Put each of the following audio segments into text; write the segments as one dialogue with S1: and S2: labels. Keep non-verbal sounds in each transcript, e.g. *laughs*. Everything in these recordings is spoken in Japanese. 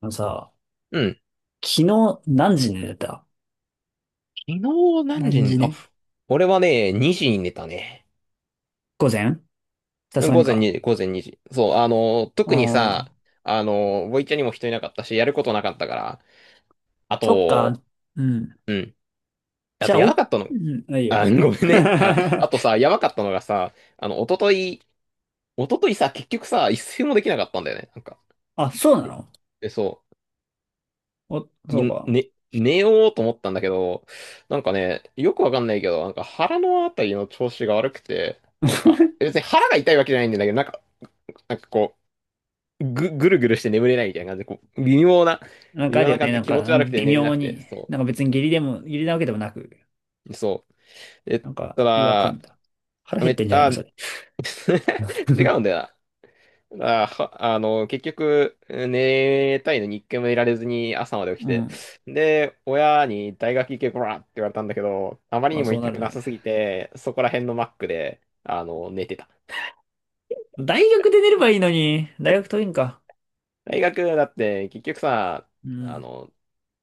S1: あのさ、
S2: うん。
S1: 昨日何時に寝てた？
S2: 昨日何
S1: 何
S2: 時に、
S1: 時
S2: あ、
S1: ね？
S2: 俺はね、2時に寝たね。
S1: 午前。さ
S2: う
S1: す
S2: ん
S1: がに
S2: 午前
S1: か。
S2: 2時、午前2時。そう、特に
S1: あ
S2: さ、
S1: あ、
S2: ボイチャにも人いなかったし、やることなかったから。あ
S1: そっか。
S2: と、
S1: うん。
S2: うん。あ
S1: じゃ
S2: と、
S1: あ、
S2: やば
S1: お、
S2: かった
S1: う
S2: の。
S1: ん、ないい
S2: あ、
S1: よ。
S2: ごめん
S1: *laughs*
S2: ね。あ、あとさ、やばかったのがさ、おとといさ、結局さ、一睡もできなかったんだよね。なんか。
S1: あ、そうな
S2: で、
S1: の？
S2: でそう。
S1: お、そうか。
S2: 寝ようと思ったんだけど、なんかね、よくわかんないけど、なんか腹のあたりの調子が悪くて、なんか、別に腹が痛いわけじゃないんだけど、なんか、なんかこう、ぐるぐるして眠れないみたいな感じで、こう、
S1: なん
S2: 微
S1: かあ
S2: 妙
S1: るよ
S2: な感
S1: ね。
S2: じで
S1: なん
S2: 気持ち
S1: か、
S2: 悪くて
S1: 微
S2: 寝れな
S1: 妙
S2: くて、
S1: に。
S2: そ
S1: なんか別に下痢でも、下痢なわけでもなく、
S2: う、そう。え、
S1: なんか
S2: た
S1: 違和
S2: だ、
S1: 感だ。腹減
S2: め
S1: っ
S2: っ
S1: てんじゃない
S2: あ、
S1: の、それ？
S2: *laughs* 違うんだよな。結局、寝たいのに一回もいられずに朝まで起き
S1: う
S2: て。
S1: ん。
S2: で、親に大学行けこらって言われたんだけど、あまり
S1: ま
S2: に
S1: あ
S2: も
S1: そう
S2: 行き
S1: な
S2: た
S1: る
S2: くな
S1: ね。
S2: さすぎて、そこら辺のマックで、寝てた。
S1: 大学で寝ればいいのに。大学遠いんか？
S2: 大学だって結局さ、
S1: う
S2: あ
S1: ん。
S2: の、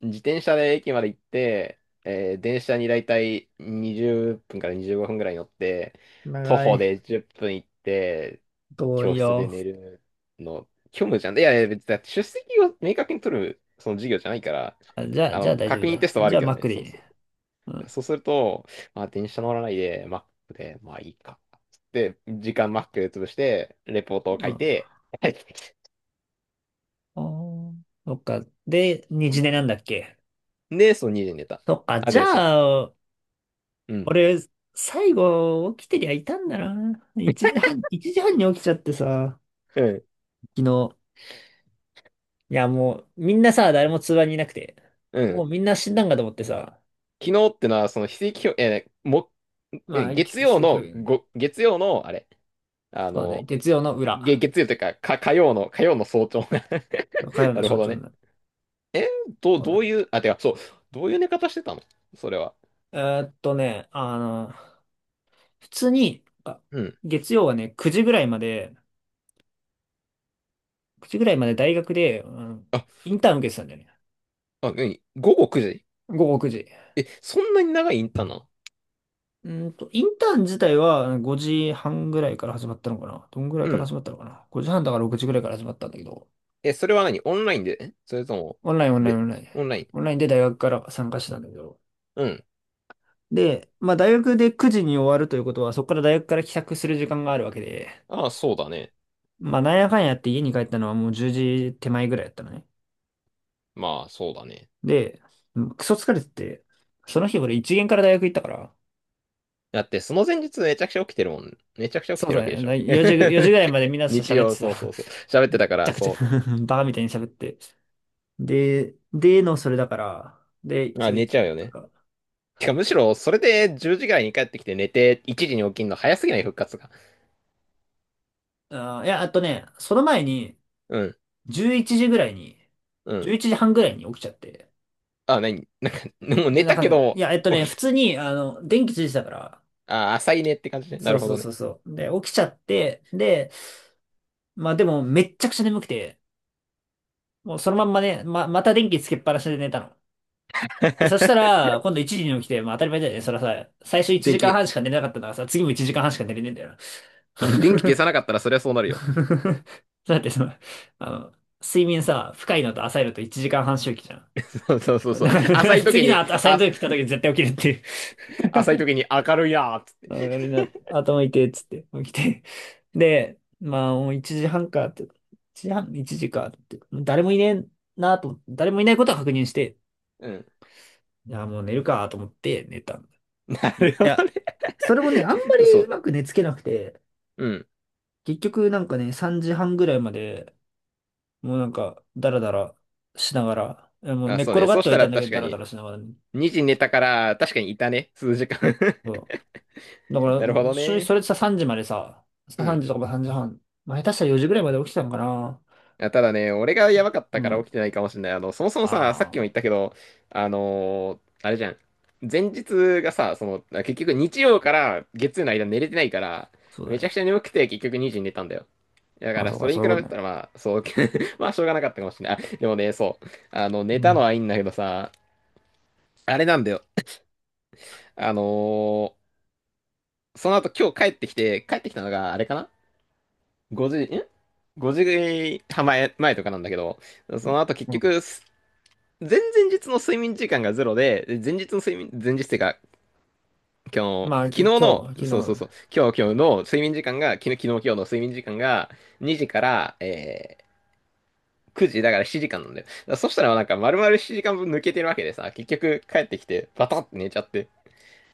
S2: 自転車で駅まで行って、電車にだいたい20分から25分ぐらい乗って、徒
S1: 長
S2: 歩
S1: い。
S2: で10分行って、
S1: 遠い
S2: 教室で
S1: よ。
S2: 寝るの、虚無じゃん。いやいや、別にだって出席を明確に取るその授業じゃないから、
S1: あ、じゃあ、じゃあ大丈夫
S2: 確認テ
S1: だ。
S2: ストはあ
S1: じ
S2: る
S1: ゃあ
S2: け
S1: マ
S2: ど
S1: ッ
S2: ね、
S1: クでい
S2: そ
S1: い
S2: うす
S1: ね。
S2: る。
S1: うん。
S2: そうすると、まあ、電車乗らないで、マックで、まあいいか。つって、時間マックで潰して、レポートを書
S1: う
S2: い
S1: ん。
S2: て、*laughs*
S1: ああ、そっか。で、二次寝なんだっけ？
S2: で、そう、2時に寝た。
S1: そっか。
S2: あ、
S1: じゃ
S2: で、そ
S1: あ、
S2: う。うん。
S1: 俺、最後、起きてりゃいたんだな。一時半、一時半に起きちゃってさ、
S2: うん。
S1: 昨日。いや、もう、みんなさ、誰も通話にいなくて。
S2: う
S1: も
S2: ん。
S1: うみんな死んだんかと思ってさ。
S2: 昨日ってのは、その、非正規表、えーも、
S1: ま
S2: え
S1: あ、
S2: 月
S1: 奇
S2: 曜
S1: 奇跡
S2: の、
S1: 表現。
S2: ご、月曜の、あれ、あ
S1: そうね。
S2: の、
S1: 月曜の
S2: げ
S1: 裏。
S2: 月曜というか、か、火曜の早朝 *laughs*
S1: 火曜
S2: な
S1: の
S2: るほ
S1: 象
S2: ど
S1: 徴に
S2: ね。
S1: なる。
S2: え、どう、
S1: そう
S2: ど
S1: だ。
S2: ういう、あ、てか、そう、どういう寝方してたのそれは。
S1: えーっとね、あの、普通に、
S2: うん。
S1: 月曜はね、9時ぐらいまで、9時ぐらいまで大学で、
S2: あ、
S1: インターン受けてたんだよね。
S2: あ、何午後9時
S1: 午後9時。
S2: え、そんなに長いインターンなの
S1: インターン自体は5時半ぐらいから始まったのかな、どんぐらい
S2: う
S1: から
S2: ん。
S1: 始まったのかな？ 5 時半だから6時ぐらいから始まったんだけど、
S2: それは何オンラインでそれとも、
S1: オンラインオンラインオ
S2: 別、
S1: ンライン。
S2: オンライン。
S1: オンラインで大学から参加してたんだけど。
S2: うん。
S1: で、まあ大学で9時に終わるということは、そこから大学から帰宅する時間があるわけで、
S2: ああ、そうだね。
S1: まあなんやかんやって家に帰ったのはもう10時手前ぐらいだったのね。
S2: まあ、そうだね。
S1: で、うん、クソ疲れてて、その日俺1限から大学行ったから、
S2: だって、その前日めちゃくちゃ起きてるもん。めちゃくちゃ起き
S1: そう
S2: てるわ
S1: だ
S2: けでしょ。
S1: ね、4時、4時ぐらいまで
S2: *laughs*
S1: みんなと
S2: 日
S1: 喋って
S2: 曜、
S1: さ、*laughs*
S2: そうそ
S1: め
S2: うそう。喋ってたか
S1: ち
S2: ら、
S1: ゃくちゃ
S2: そ
S1: *laughs* バカみたいに喋って。で、での、それだから、で、
S2: う。
S1: そ
S2: あ、
S1: うい
S2: 寝
S1: つ
S2: ちゃうよね。
S1: か。
S2: てか、むしろ、それで10時ぐらいに帰ってきて寝て、1時に起きんの早すぎない復活が。
S1: あー、いや、あとね、その前に、
S2: うん、
S1: 11時ぐらいに、
S2: うん。
S1: 11時半ぐらいに起きちゃって。
S2: あ、何 *laughs* なんか、もう
S1: で、
S2: 寝
S1: なん
S2: た
S1: か
S2: け
S1: ね、い
S2: ど、
S1: や、
S2: 起
S1: 普
S2: き、
S1: 通に、電気ついてたから、
S2: あ、浅いねって感じね。な
S1: そ
S2: る
S1: う
S2: ほ
S1: そう
S2: ど
S1: そ
S2: ね。
S1: うそう。で、起きちゃって、で、まあでも、めっちゃくちゃ眠くて、もうそのまんまね、また電気つけっぱなしで寝たの。で、そした
S2: *laughs*
S1: ら、今度1時に起きて、まあ当たり前だよね。そらさ、最初1
S2: 電
S1: 時間
S2: 気、
S1: 半しか寝れなかったからさ、次も1時間半しか寝れねえんだよな。
S2: うん電気消
S1: *laughs*
S2: さなかったらそりゃそうなるよ。
S1: *laughs* だってあの、睡眠さ、深いのと浅いのと1時間半周期じゃ
S2: *laughs*
S1: ん。
S2: そうそうそうそう。
S1: だから *laughs* 次の浅いの時来た時絶対起きるっていう。
S2: 浅い時に明るいなーっつっ
S1: あ
S2: て。
S1: 俺な、頭痛いっつって起きて。で、まあもう1時半かって、1時半、1時かって、誰もいねえなと思って、誰もいないことは確認して、
S2: うん。
S1: いや、もう寝るかと思って寝たんだ。
S2: なる
S1: い
S2: ほど
S1: や、
S2: ね。
S1: それもね、あんま
S2: *laughs* そ
S1: りう
S2: う。
S1: まく寝つけなくて、
S2: うん。
S1: 結局なんかね、3時半ぐらいまでもうなんか、ダラダラしながら、もう
S2: あ、
S1: 寝っ
S2: そう
S1: 転
S2: ね。
S1: がっ
S2: そ
S1: て
S2: し
S1: はい
S2: た
S1: た
S2: ら
S1: んだけ
S2: 確
S1: ど、ダ
S2: か
S1: ラダ
S2: に、
S1: ラしながらね。
S2: 2時寝たから、確かにいたね。数時間 *laughs*
S1: そう。だから、
S2: なるほ
S1: もう、
S2: ど
S1: 正直
S2: ね。
S1: それでさ、3時までさ、
S2: う
S1: 3
S2: ん。
S1: 時とか3時半、まあ、下手したら4時ぐらいまで起きてたのかな。
S2: あ、ただね、俺がやばかっ
S1: う
S2: たから起
S1: ん。
S2: きてないかもしれない。そもそもさ、さっき
S1: あ
S2: も
S1: あ、
S2: 言ったけど、あれじゃん。前日がさ、その、あ結局日曜から月曜の間寝れてないから、
S1: そうだ
S2: めち
S1: ね。
S2: ゃくちゃ眠くて結局2時に寝たんだよ。だか
S1: まあ、
S2: ら、
S1: そう
S2: そ
S1: か、
S2: れ
S1: そ
S2: に
S1: う
S2: 比
S1: いうこ
S2: べ
S1: と
S2: た
S1: ね。
S2: らまあ、そう、*laughs* まあ、しょうがなかったかもしれない。あでもね、そう。
S1: う
S2: 寝たの
S1: ん。
S2: はいいんだけどさ、あれなんだよ。あのーその後今日帰ってきて、帰ってきたのがあれかな5時、ん ?5 時半前とかなんだけど、その後結
S1: うん。
S2: 局、前々日の睡眠時間がゼロで、で前日の睡眠、前日っていうか、今日の、
S1: まあ、
S2: 昨日の、
S1: 今日、昨
S2: そうそう
S1: 日、
S2: そう、今日の睡眠時間が、昨日今日の睡眠時間が2時から、9時だから7時間なんだよ。だからそしたらなんか丸々7時間分抜けてるわけでさ、結局帰ってきてバタって寝ちゃって、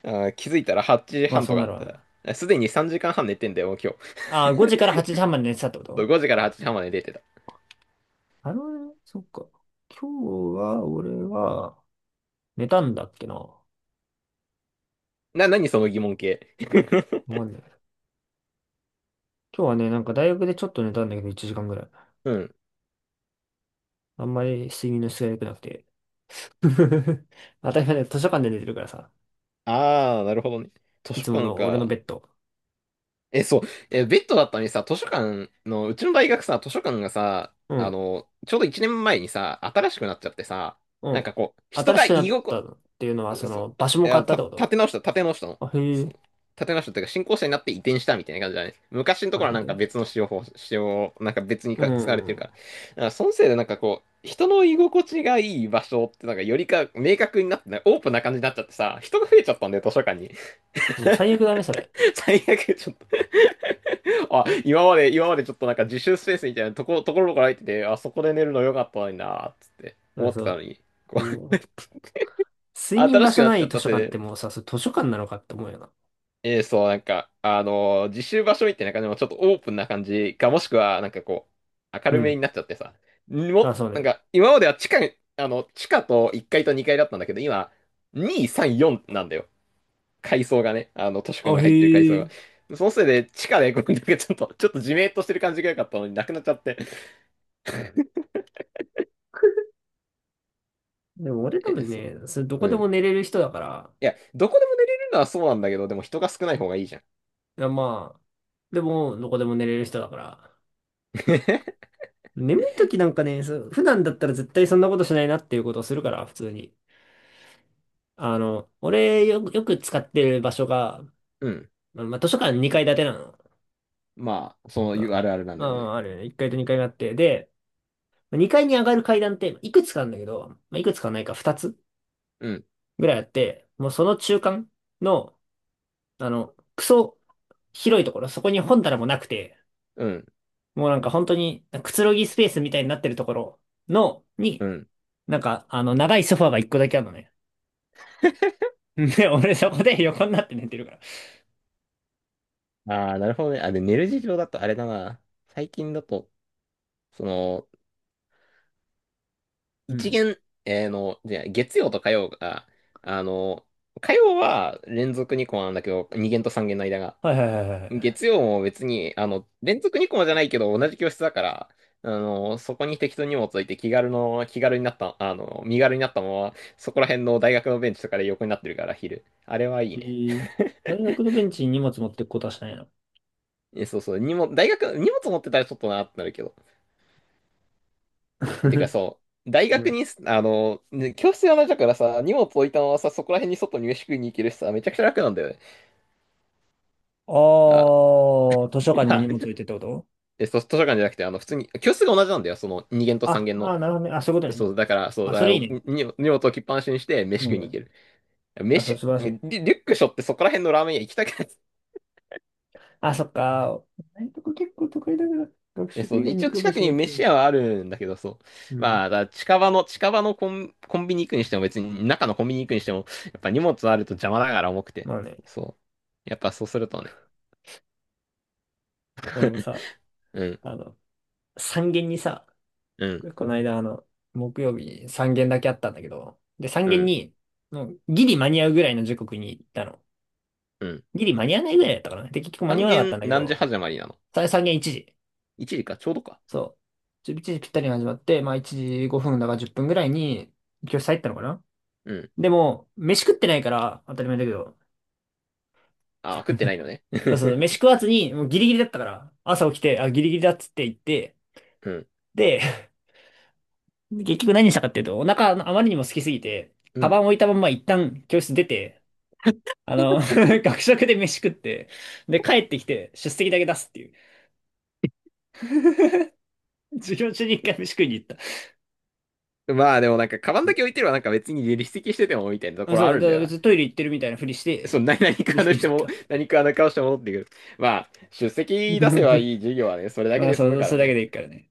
S2: あー気づいたら8
S1: ま
S2: 時
S1: あ、
S2: 半
S1: そ
S2: と
S1: う
S2: か
S1: な
S2: だっ
S1: るわ
S2: た。
S1: な。
S2: あすでに3時間半寝てんだよ、もう今日。
S1: ああ、5時から8時半まで寝てたってこ
S2: そう
S1: と？
S2: 5時から8時半まで寝てた。
S1: あのね、そっか。今日は、俺は、寝たんだっけな。わ
S2: 何その疑問系。
S1: か
S2: *laughs*
S1: んない。今日はね、なんか大学でちょっと寝たんだけど、1時間ぐらい。
S2: うん。
S1: あんまり睡眠の質が良くなくて。*laughs* 当たり前図書館で寝てるからさ。
S2: ああ、なるほどね。図
S1: い
S2: 書
S1: つも
S2: 館
S1: の俺の
S2: か。
S1: ベッド。
S2: え、そう。え、ベッドだったのにさ、図書館の、うちの大学さ、図書館がさ、
S1: うん、
S2: ちょうど1年前にさ、新しくなっちゃってさ、
S1: う
S2: なん
S1: ん。
S2: かこう、人
S1: 新
S2: が
S1: しくな
S2: 居
S1: った
S2: 心、
S1: っていうのは、その、
S2: そ
S1: 場所
S2: う、
S1: も
S2: い
S1: 変
S2: や、
S1: わったってこ
S2: 立
S1: と？
S2: て直した、立て直したの。
S1: あ、へ
S2: そう。
S1: え。
S2: 立て直したっていうか、新校舎になって移転したみたいな感じだね。昔のと
S1: あ、
S2: ころは
S1: 見
S2: なんか
S1: て。
S2: 別の使用法、使用、なんか別に
S1: う
S2: か使われてる
S1: ん。
S2: から。だからそのせいでなんかこう、人の居心地がいい場所ってなんかよりか明確になってない、オープンな感じになっちゃってさ、人が増えちゃったんだよ、図書館に。
S1: もう最悪だね、それ。
S2: 最悪、ちょっと、あ、今までちょっとなんか自習スペースみたいなところから入ってて、あそこで寝るの良かったのになーっつって
S1: だから
S2: 思ってたの
S1: そ
S2: に、
S1: う。
S2: こ
S1: も
S2: う、
S1: う、
S2: *laughs*
S1: 睡眠
S2: 新
S1: 場
S2: しく
S1: 所
S2: なっ
S1: な
S2: ちゃ
S1: い
S2: っ
S1: 図
S2: た
S1: 書
S2: せい
S1: 館って
S2: で、
S1: もうさ、それ図書館なのかって思うよな。
S2: そう、なんか、自習場所みたいな感じもちょっとオープンな感じか、もしくは、なんかこう、明
S1: う
S2: るめ
S1: ん。
S2: になっちゃってさ、
S1: あ、そう
S2: なん
S1: ね。
S2: か、今までは地下、地下と1階と2階だったんだけど、今、2、3、4なんだよ。階層がね、図書館
S1: あ、
S2: が
S1: へ
S2: 入ってる階層が。
S1: え。
S2: そのせいで、地下で、こうなんかちょっと、じめっとしてる感じが良かったのになくなっちゃって。
S1: でも俺多分
S2: そ
S1: ね、それど
S2: う。
S1: こで
S2: うん。
S1: も
S2: い
S1: 寝れる人だから、
S2: や、どこでも寝れるのはそうなんだけど、でも人が少ない方がいいじゃん。
S1: いやまあ、でもどこでも寝れる人だから、
S2: *laughs*
S1: 眠い時なんかね、そう普段だったら絶対そんなことしないなっていうことをするから、普通に。あの、俺、よく使ってる場所が、
S2: うん。
S1: まあ、まあ図書館2階建てなの。
S2: まあ、そういうあるあるなん
S1: ま
S2: だ
S1: あ、
S2: よ
S1: ま
S2: ね。
S1: ああるよね。1階と2階があって。で、2階に上がる階段っていくつかあるんだけど、まあ、いくつかはないか2つ
S2: うん。
S1: ぐらいあって、もうその中間の、クソ広いところ、そこに本棚もなくて、
S2: うん。
S1: もうなんか本当にくつろぎスペースみたいになってるところの、
S2: う
S1: に、
S2: ん。
S1: なんか、長いソファーが1個だけあるのね。*laughs* ね俺そこで横になって寝てるから。
S2: ああ、なるほどね。あ、で、寝る事情だとあれだな。最近だと、その、
S1: う
S2: 一
S1: ん。
S2: 限、えーの、じゃあ月曜と火曜が、あの、火曜は連続にこうなんだけど、2限と3限の間が。
S1: はいはいはいはい。
S2: 月曜も別に、連続2コマじゃないけど、同じ教室だから、そこに適当に荷物置いて気軽になった、身軽になったまま、そこら辺の大学のベンチとかで横になってるから、昼。あれはいい
S1: え
S2: ね。
S1: ー、
S2: *laughs*
S1: 大学のベンチに荷物持ってくことはしないの？
S2: そうそう、荷物持ってたらちょっとなってなるけど。てか
S1: *laughs*
S2: そう、大
S1: う
S2: 学
S1: ん。
S2: に、ね教室が同じだからさ、荷物置いたままさ、そこら辺に外に飯食いに行けるしさ、めちゃくちゃ楽なんだよね。
S1: あ
S2: あ、
S1: あ、図書館に荷
S2: *laughs* あ、
S1: 物置いてってこと？
S2: そう図書館じゃなくて、普通に、教室が同じなんだよ、その2限と3
S1: あ、
S2: 限
S1: あー、
S2: の。
S1: なるほどね。あ、そういうことね。
S2: そう、
S1: あ、そ
S2: だから
S1: れいいね。
S2: に荷物置きっぱなしにして、飯
S1: う
S2: 食いに行け
S1: ん。
S2: る。
S1: あ、そ
S2: 飯、
S1: う、素晴らしい。
S2: リリュック背負ってそこら辺のラーメン屋行きたくない。
S1: あ、そっか。大学結構都会だから、学食
S2: そ
S1: 以
S2: う、
S1: 外
S2: 一
S1: に行
S2: 応
S1: く場
S2: 近く
S1: 所
S2: に
S1: がってい
S2: 飯
S1: う。
S2: 屋はあるんだけど、そう。
S1: うん。
S2: まあ、だから近場のコンビニ行くにしても、別に中のコンビニ行くにしても、やっぱ荷物あると邪魔だから重くて。
S1: まあね、
S2: そう。やっぱそうするとね。
S1: 俺もさ、
S2: *laughs* うん、
S1: あの、三限にさ、
S2: うん、
S1: この間、あの、木曜日3限だけあったんだけど、で、3
S2: う
S1: 限
S2: ん、
S1: に、もうギリ間に合うぐらいの時刻に行ったの。
S2: うん。
S1: ギリ間に合わないぐらいだったかな。で、結局間に合
S2: 半
S1: わなかった
S2: 減
S1: んだけ
S2: 何時
S1: ど、
S2: 始まりなの
S1: 3限1時。
S2: ?1 時か、ちょうどか。
S1: そう。1時ぴったりに始まって、まあ1時5分だから10分ぐらいに教室入ったのかな。
S2: うん。
S1: でも、飯食ってないから当たり前だけど、
S2: あ、食ってないのね。
S1: そうそう、飯
S2: *laughs*
S1: 食わずに、もうギリギリだったから、朝起きて、あ、ギリギリだっつって言って、
S2: うん、
S1: で、*laughs* 結局何したかっていうと、お腹あまりにも空きすぎて、
S2: う
S1: カバ
S2: ん。
S1: ン置いたまま一旦教室出て、あの、*laughs* 学食で飯食って、で、帰ってきて出席だけ出すっていう。授業中に一回飯食いに行った。
S2: まあでもなんか、カバンだけ置いてればなんか別に離席しててもみたいなと
S1: あ、
S2: ころ
S1: そ
S2: あ
S1: う、
S2: る
S1: だ
S2: ん
S1: か
S2: だ
S1: ら
S2: よ
S1: 別
S2: な。
S1: にトイレ行ってるみたいなふりし
S2: そ
S1: て、
S2: の *laughs* 何
S1: 飯
S2: かの
S1: 食い
S2: し
S1: に
S2: て
S1: 行っ
S2: も、
S1: た。
S2: *laughs* 何かの顔して戻ってくる。まあ、出席出せばいい授業はね、それ
S1: *laughs*
S2: だけ
S1: まあ、
S2: で済
S1: そ
S2: む
S1: う、
S2: か
S1: そ
S2: ら
S1: れだけ
S2: ね。
S1: でいいからね。